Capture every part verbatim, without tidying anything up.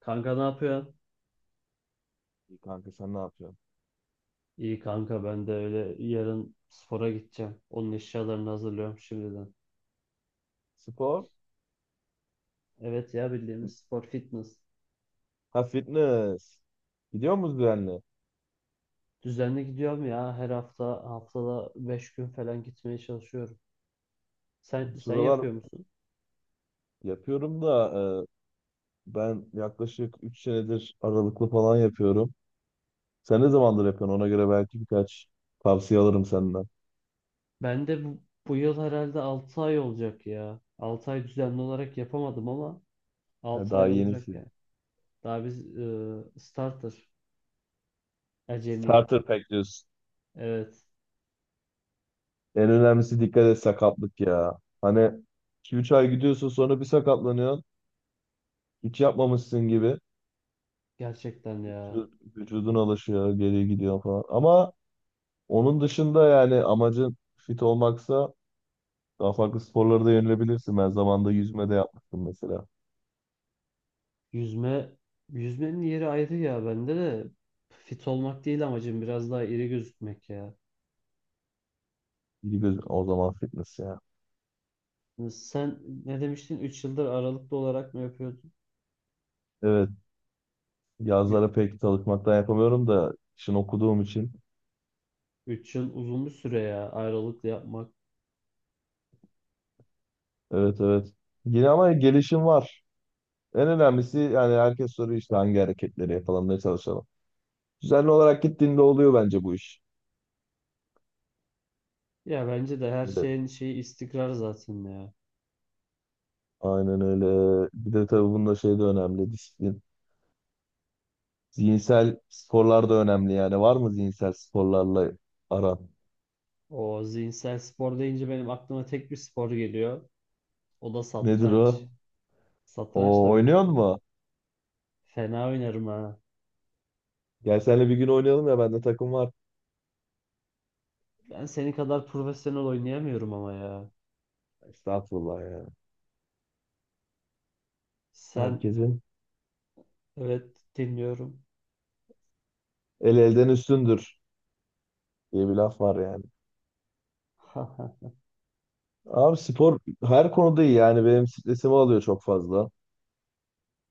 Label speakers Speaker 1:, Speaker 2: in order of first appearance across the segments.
Speaker 1: Kanka ne yapıyorsun?
Speaker 2: İyi kanka sen ne yapıyorsun?
Speaker 1: İyi kanka, ben de öyle, yarın spora gideceğim. Onun eşyalarını hazırlıyorum şimdiden.
Speaker 2: Spor?
Speaker 1: Evet ya, bildiğimiz spor, fitness.
Speaker 2: Ha fitness. Gidiyor musun düzenli?
Speaker 1: Düzenli gidiyorum ya, her hafta, haftada beş gün falan gitmeye çalışıyorum. Sen sen
Speaker 2: Sıralar
Speaker 1: yapıyor musun?
Speaker 2: yapıyorum da e, ben yaklaşık üç senedir aralıklı falan yapıyorum. Sen ne zamandır yapıyorsun? Ona göre belki birkaç tavsiye alırım senden.
Speaker 1: Ben de bu, bu yıl herhalde altı ay olacak ya. Altı ay düzenli olarak yapamadım ama
Speaker 2: Ha,
Speaker 1: altı
Speaker 2: daha
Speaker 1: ay olacak
Speaker 2: yenisi.
Speaker 1: yani. Daha biz e, starter, acemi.
Speaker 2: Starter pack diyorsun.
Speaker 1: Evet,
Speaker 2: En önemlisi dikkat et sakatlık ya. Hani iki üç ay gidiyorsun sonra bir sakatlanıyorsun. Hiç yapmamışsın gibi.
Speaker 1: gerçekten ya.
Speaker 2: Vücud- Vücudun alışıyor, geri gidiyor falan. Ama onun dışında yani amacın fit olmaksa daha farklı sporlara da yönelebilirsin. Ben zamanında yüzme de yapmıştım mesela.
Speaker 1: Yüzme, yüzmenin yeri ayrı ya, bende de fit olmak değil amacım, biraz daha iri gözükmek ya.
Speaker 2: İyi göz o zaman fitness ya.
Speaker 1: Hani sen ne demiştin, üç yıldır aralıklı olarak mı yapıyordun?
Speaker 2: Evet, yazlara pek çalışmaktan yapamıyorum da işin okuduğum için.
Speaker 1: Üç yıl uzun bir süre ya, aralıklı yapmak.
Speaker 2: Evet, evet. Yine ama gelişim var. En önemlisi yani herkes soruyor işte hangi hareketleri yapalım, ne çalışalım. Düzenli olarak gittiğinde oluyor bence bu iş.
Speaker 1: Ya bence de her
Speaker 2: Evet,
Speaker 1: şeyin şeyi istikrar zaten ya.
Speaker 2: aynen öyle. Bir de tabii bunda şey de önemli, disiplin. Zihinsel sporlar da önemli yani. Var mı zihinsel sporlarla aran?
Speaker 1: O zihinsel spor deyince benim aklıma tek bir spor geliyor. O da
Speaker 2: Nedir
Speaker 1: satranç.
Speaker 2: o?
Speaker 1: Satranç
Speaker 2: O
Speaker 1: tabii
Speaker 2: oynuyor
Speaker 1: ki.
Speaker 2: mu?
Speaker 1: Fena oynarım ha.
Speaker 2: Gel senle bir gün oynayalım ya bende takım var.
Speaker 1: Ben senin kadar profesyonel oynayamıyorum ama ya.
Speaker 2: Estağfurullah ya.
Speaker 1: Sen,
Speaker 2: Herkesin
Speaker 1: evet, dinliyorum.
Speaker 2: el elden üstündür diye bir laf var yani. Abi spor her konuda iyi yani benim stresimi alıyor çok fazla.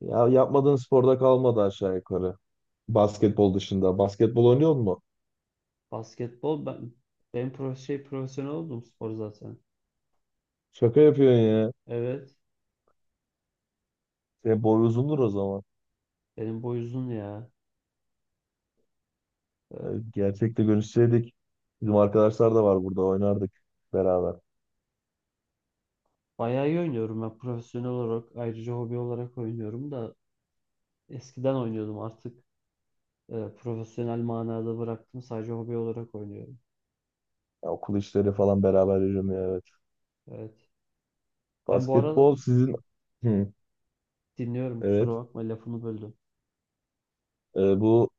Speaker 2: Ya yapmadığın sporda kalmadı aşağı yukarı. Basketbol dışında. Basketbol oynuyor mu?
Speaker 1: Basketbol, ben ben pro şey profesyonel oldum spor zaten.
Speaker 2: Şaka yapıyorsun ya.
Speaker 1: Evet.
Speaker 2: Senin boy uzundur o zaman.
Speaker 1: Benim boy uzun ya.
Speaker 2: Yani
Speaker 1: Ee,
Speaker 2: gerçekte görüşseydik bizim arkadaşlar da var, burada oynardık beraber.
Speaker 1: Bayağı iyi oynuyorum ben profesyonel olarak, ayrıca hobi olarak oynuyorum da. Eskiden oynuyordum, artık e, profesyonel manada bıraktım, sadece hobi olarak oynuyorum.
Speaker 2: Ya okul işleri falan beraber yürümüyor, evet.
Speaker 1: Evet. Ben bu arada,
Speaker 2: Basketbol sizin... Hı,
Speaker 1: dinliyorum, kusura
Speaker 2: evet.
Speaker 1: bakma, lafını böldüm.
Speaker 2: Ee, bu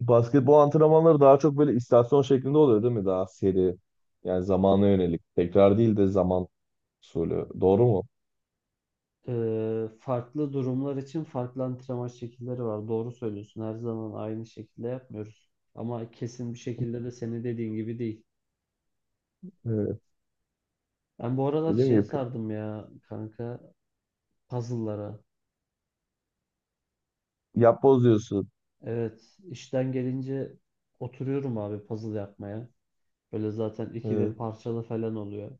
Speaker 2: basketbol antrenmanları daha çok böyle istasyon şeklinde oluyor değil mi? Daha seri. Yani zamana yönelik. Tekrar değil de zaman usulü. Doğru mu?
Speaker 1: Ee, farklı durumlar için farklı antrenman şekilleri var. Doğru söylüyorsun. Her zaman aynı şekilde yapmıyoruz. Ama kesin bir şekilde de senin dediğin gibi değil.
Speaker 2: Evet.
Speaker 1: Ben bu aralar
Speaker 2: Dediğim
Speaker 1: şey
Speaker 2: gibi
Speaker 1: sardım ya kanka, puzzle'lara.
Speaker 2: yapboz diyorsun.
Speaker 1: Evet, işten gelince oturuyorum abi puzzle yapmaya. Böyle zaten iki bin
Speaker 2: Evet.
Speaker 1: parçalı falan oluyor.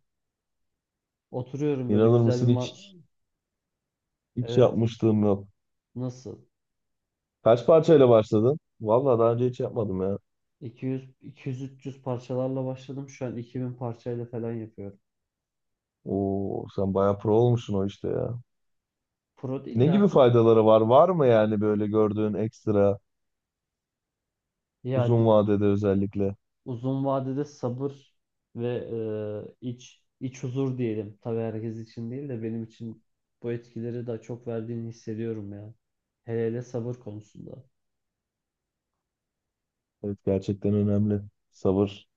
Speaker 1: Oturuyorum böyle
Speaker 2: İnanır
Speaker 1: güzel bir
Speaker 2: mısın
Speaker 1: ma-
Speaker 2: hiç hiç
Speaker 1: Evet,
Speaker 2: yapmışlığım yok.
Speaker 1: nasıl?
Speaker 2: Kaç parçayla başladın? Vallahi daha önce hiç yapmadım ya.
Speaker 1: iki yüz, iki yüz-üç yüz parçalarla başladım. Şu an iki bin parçayla falan yapıyorum.
Speaker 2: Oo, sen bayağı pro olmuşsun o işte ya.
Speaker 1: Pro değil
Speaker 2: Ne
Speaker 1: de
Speaker 2: gibi
Speaker 1: artık
Speaker 2: faydaları var? Var mı yani böyle gördüğün ekstra
Speaker 1: ya,
Speaker 2: uzun vadede özellikle?
Speaker 1: uzun vadede sabır ve e, iç iç huzur diyelim. Tabii herkes için değil de benim için bu etkileri daha çok verdiğini hissediyorum ya. Hele hele sabır konusunda.
Speaker 2: Evet, gerçekten önemli. Sabır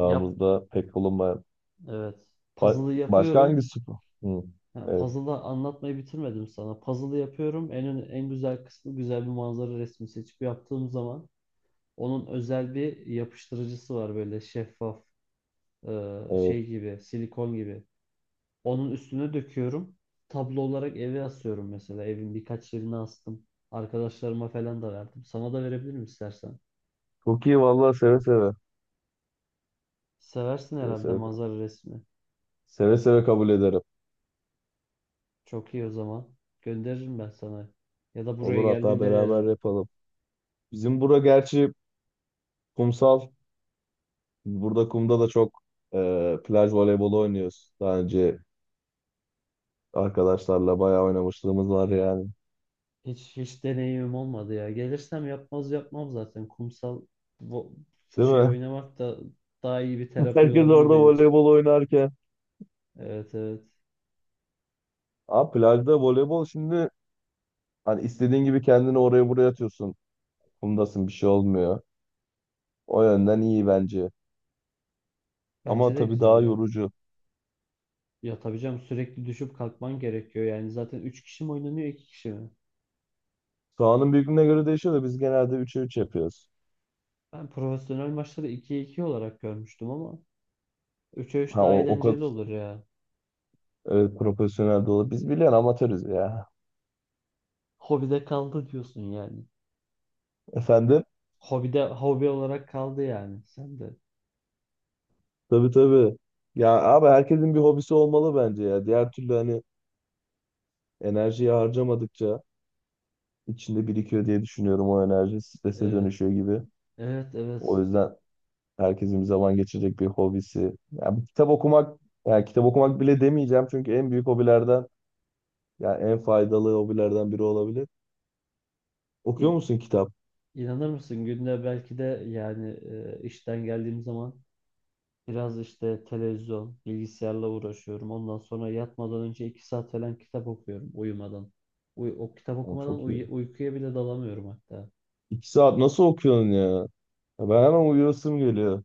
Speaker 1: Yap,
Speaker 2: pek bulunmayan.
Speaker 1: evet.
Speaker 2: Ba-
Speaker 1: Puzzle'ı
Speaker 2: başka
Speaker 1: yapıyorum.
Speaker 2: hangi spor? Hı,
Speaker 1: Ha,
Speaker 2: evet,
Speaker 1: puzzle'ı anlatmayı bitirmedim sana. Puzzle'ı yapıyorum. En ön- en güzel kısmı, güzel bir manzara resmi seçip yaptığım zaman onun özel bir yapıştırıcısı var, böyle şeffaf, e,
Speaker 2: evet.
Speaker 1: şey gibi, silikon gibi. Onun üstüne döküyorum. Tablo olarak eve asıyorum mesela. Evin birkaç yerine astım. Arkadaşlarıma falan da verdim. Sana da verebilirim istersen.
Speaker 2: Çok iyi vallahi, seve seve.
Speaker 1: Seversin
Speaker 2: Seve
Speaker 1: herhalde
Speaker 2: seve.
Speaker 1: manzara resmi.
Speaker 2: Seve seve kabul ederim.
Speaker 1: Çok iyi o zaman. Gönderirim ben sana. Ya da buraya
Speaker 2: Olur, hatta
Speaker 1: geldiğinde
Speaker 2: beraber
Speaker 1: veririm.
Speaker 2: yapalım. Bizim bura gerçi kumsal. Burada kumda da çok e, plaj voleybolu oynuyoruz. Daha önce arkadaşlarla bayağı oynamışlığımız var yani.
Speaker 1: Hiç hiç deneyimim olmadı ya. Gelirsem yapmaz yapmam zaten. Kumsal vo-
Speaker 2: Değil
Speaker 1: şey
Speaker 2: mi?
Speaker 1: oynamak da daha iyi bir terapi
Speaker 2: Herkes
Speaker 1: olabilir
Speaker 2: orada
Speaker 1: benim için.
Speaker 2: voleybol oynarken.
Speaker 1: Evet, evet.
Speaker 2: Abi plajda voleybol şimdi hani istediğin gibi kendini oraya buraya atıyorsun. Kumdasın, bir şey olmuyor. O yönden iyi bence.
Speaker 1: Bence
Speaker 2: Ama
Speaker 1: de
Speaker 2: tabii
Speaker 1: güzel
Speaker 2: daha
Speaker 1: ya.
Speaker 2: yorucu.
Speaker 1: Ya tabii canım, sürekli düşüp kalkman gerekiyor. Yani zaten üç kişi mi oynanıyor, iki kişi mi?
Speaker 2: Sahanın büyüklüğüne göre değişiyor da biz genelde üçe üç yapıyoruz.
Speaker 1: Ben profesyonel maçları ikiye iki olarak görmüştüm ama üçe üç
Speaker 2: Ha
Speaker 1: daha
Speaker 2: o, o kadar
Speaker 1: eğlenceli olur ya.
Speaker 2: e, profesyonel de olur. Biz biliyorsun amatörüz ya.
Speaker 1: Hobide kaldı diyorsun yani.
Speaker 2: Efendim?
Speaker 1: Hobide, hobi olarak kaldı yani sen de.
Speaker 2: Tabii, tabii. Ya abi herkesin bir hobisi olmalı bence ya. Diğer türlü hani enerjiyi harcamadıkça içinde birikiyor diye düşünüyorum o enerji. Strese
Speaker 1: Evet.
Speaker 2: dönüşüyor gibi.
Speaker 1: Evet, evet.
Speaker 2: O yüzden herkesin bir zaman geçirecek bir hobisi. Ya bir kitap okumak, yani kitap okumak bile demeyeceğim çünkü en büyük hobilerden, yani en faydalı hobilerden biri olabilir. Okuyor
Speaker 1: İn,
Speaker 2: musun kitap?
Speaker 1: inanır mısın, günde belki de yani e, işten geldiğim zaman biraz işte televizyon, bilgisayarla uğraşıyorum. Ondan sonra yatmadan önce iki saat falan kitap okuyorum uyumadan. Uy- o kitap
Speaker 2: O
Speaker 1: okumadan
Speaker 2: çok iyi.
Speaker 1: uy- uykuya bile dalamıyorum hatta.
Speaker 2: İki saat nasıl okuyorsun ya? Ya ben hemen uyuyasım geliyor.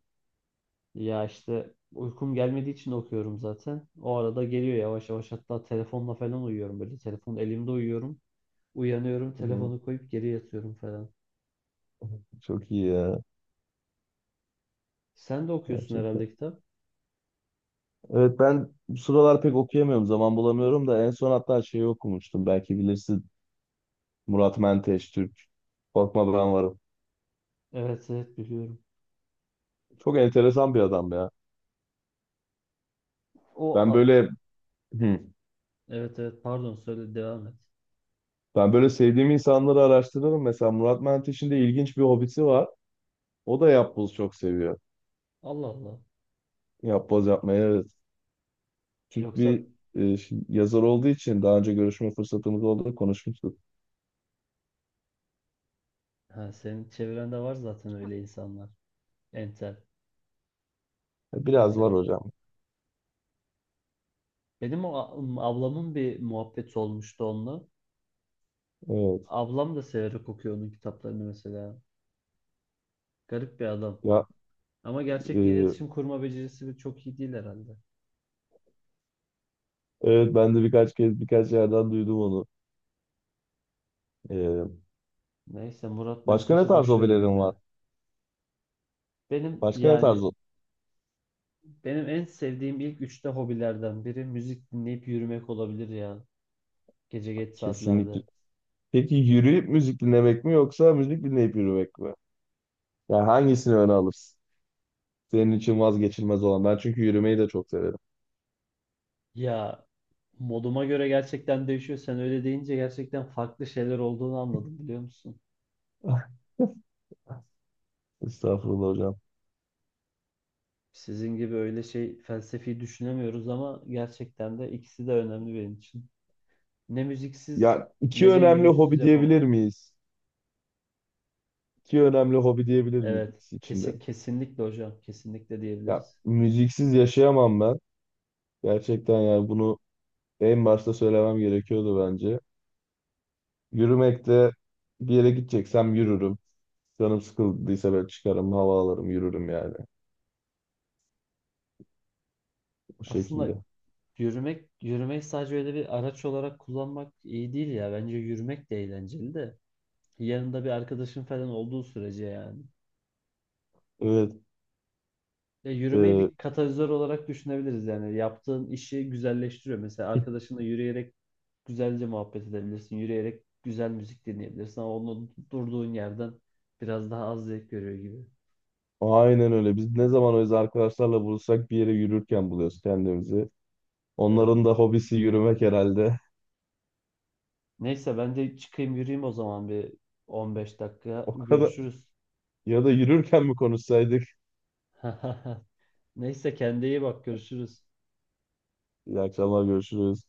Speaker 1: Ya işte uykum gelmediği için okuyorum zaten. O arada geliyor yavaş yavaş, hatta telefonla falan uyuyorum böyle. Telefon elimde uyuyorum. Uyanıyorum,
Speaker 2: Hı hı,
Speaker 1: telefonu koyup geri yatıyorum falan.
Speaker 2: çok iyi ya.
Speaker 1: Sen de okuyorsun
Speaker 2: Gerçekten.
Speaker 1: herhalde kitap.
Speaker 2: Evet, ben bu sıralar pek okuyamıyorum. Zaman bulamıyorum da en son hatta şeyi okumuştum. Belki bilirsin. Murat Menteş Türk. Korkma Ben Varım.
Speaker 1: Evet, evet, biliyorum.
Speaker 2: Çok enteresan bir adam ya.
Speaker 1: O
Speaker 2: Ben
Speaker 1: a-
Speaker 2: böyle, hı,
Speaker 1: evet, evet, pardon, söyle, devam et.
Speaker 2: ben böyle sevdiğim insanları araştırırım. Mesela Murat Menteş'in de ilginç bir hobisi var. O da yapboz çok seviyor.
Speaker 1: Allah Allah.
Speaker 2: Yapboz yapmayı, evet. Türk
Speaker 1: Yoksa,
Speaker 2: bir e, yazar olduğu için daha önce görüşme fırsatımız oldu, konuşmuştuk.
Speaker 1: ha, senin çevrende var zaten öyle insanlar. Entel,
Speaker 2: Biraz var
Speaker 1: entelek.
Speaker 2: hocam.
Speaker 1: Benim o a- ablamın bir muhabbeti olmuştu onunla.
Speaker 2: Evet.
Speaker 1: Ablam da severek okuyor onun kitaplarını mesela. Garip bir adam.
Speaker 2: Ya
Speaker 1: Ama gerçekte
Speaker 2: e,
Speaker 1: iletişim kurma becerisi bir çok iyi değil herhalde.
Speaker 2: evet, ben de birkaç kez birkaç yerden duydum onu. E,
Speaker 1: Neyse, Murat
Speaker 2: başka ne
Speaker 1: Menteş'i
Speaker 2: tarz
Speaker 1: boş verelim
Speaker 2: hobilerin var?
Speaker 1: ya. Benim,
Speaker 2: Başka ne tarz?
Speaker 1: yani
Speaker 2: ho-
Speaker 1: benim en sevdiğim ilk üçte hobilerden biri müzik dinleyip yürümek olabilir ya. Gece geç saatlerde.
Speaker 2: Kesinlikle. Peki yürüyüp müzik dinlemek mi yoksa müzik dinleyip yürümek mi? Yani hangisini öne alırsın? Senin için vazgeçilmez olan. Ben çünkü yürümeyi de çok severim.
Speaker 1: Ya moduma göre gerçekten değişiyor. Sen öyle deyince gerçekten farklı şeyler olduğunu anladım, biliyor musun?
Speaker 2: Estağfurullah hocam.
Speaker 1: Sizin gibi öyle şey felsefi düşünemiyoruz ama gerçekten de ikisi de önemli benim için. Ne müziksiz
Speaker 2: Ya iki
Speaker 1: ne de
Speaker 2: önemli
Speaker 1: yürüyüşsüz
Speaker 2: hobi
Speaker 1: yapamam.
Speaker 2: diyebilir miyiz? İki önemli hobi diyebilir miyiz
Speaker 1: Evet,
Speaker 2: ikisi içinde?
Speaker 1: kesi, kesinlikle hocam, kesinlikle
Speaker 2: Ya
Speaker 1: diyebiliriz.
Speaker 2: müziksiz yaşayamam ben. Gerçekten yani bunu en başta söylemem gerekiyordu bence. Yürümekte bir yere gideceksem yürürüm. Canım sıkıldıysa ben çıkarım, hava alırım, yürürüm yani. Bu
Speaker 1: Aslında
Speaker 2: şekilde.
Speaker 1: yürümek, yürümeyi sadece öyle bir araç olarak kullanmak iyi değil ya. Bence yürümek de eğlenceli de. Yanında bir arkadaşın falan olduğu sürece yani.
Speaker 2: Evet,
Speaker 1: Ya yürümeyi
Speaker 2: e,
Speaker 1: bir katalizör olarak düşünebiliriz yani. Yaptığın işi güzelleştiriyor. Mesela arkadaşınla yürüyerek güzelce muhabbet edebilirsin. Yürüyerek güzel müzik dinleyebilirsin ama onu durduğun yerden biraz daha az zevk görüyor gibi.
Speaker 2: aynen öyle. Biz ne zaman öz arkadaşlarla buluşsak bir yere yürürken buluyoruz kendimizi. Onların
Speaker 1: Evet.
Speaker 2: da hobisi yürümek herhalde.
Speaker 1: Neyse ben de çıkayım, yürüyeyim o zaman, bir on beş dakika
Speaker 2: O kadar.
Speaker 1: görüşürüz.
Speaker 2: Ya da yürürken mi konuşsaydık?
Speaker 1: Neyse, kendine iyi bak, görüşürüz.
Speaker 2: İyi akşamlar, görüşürüz.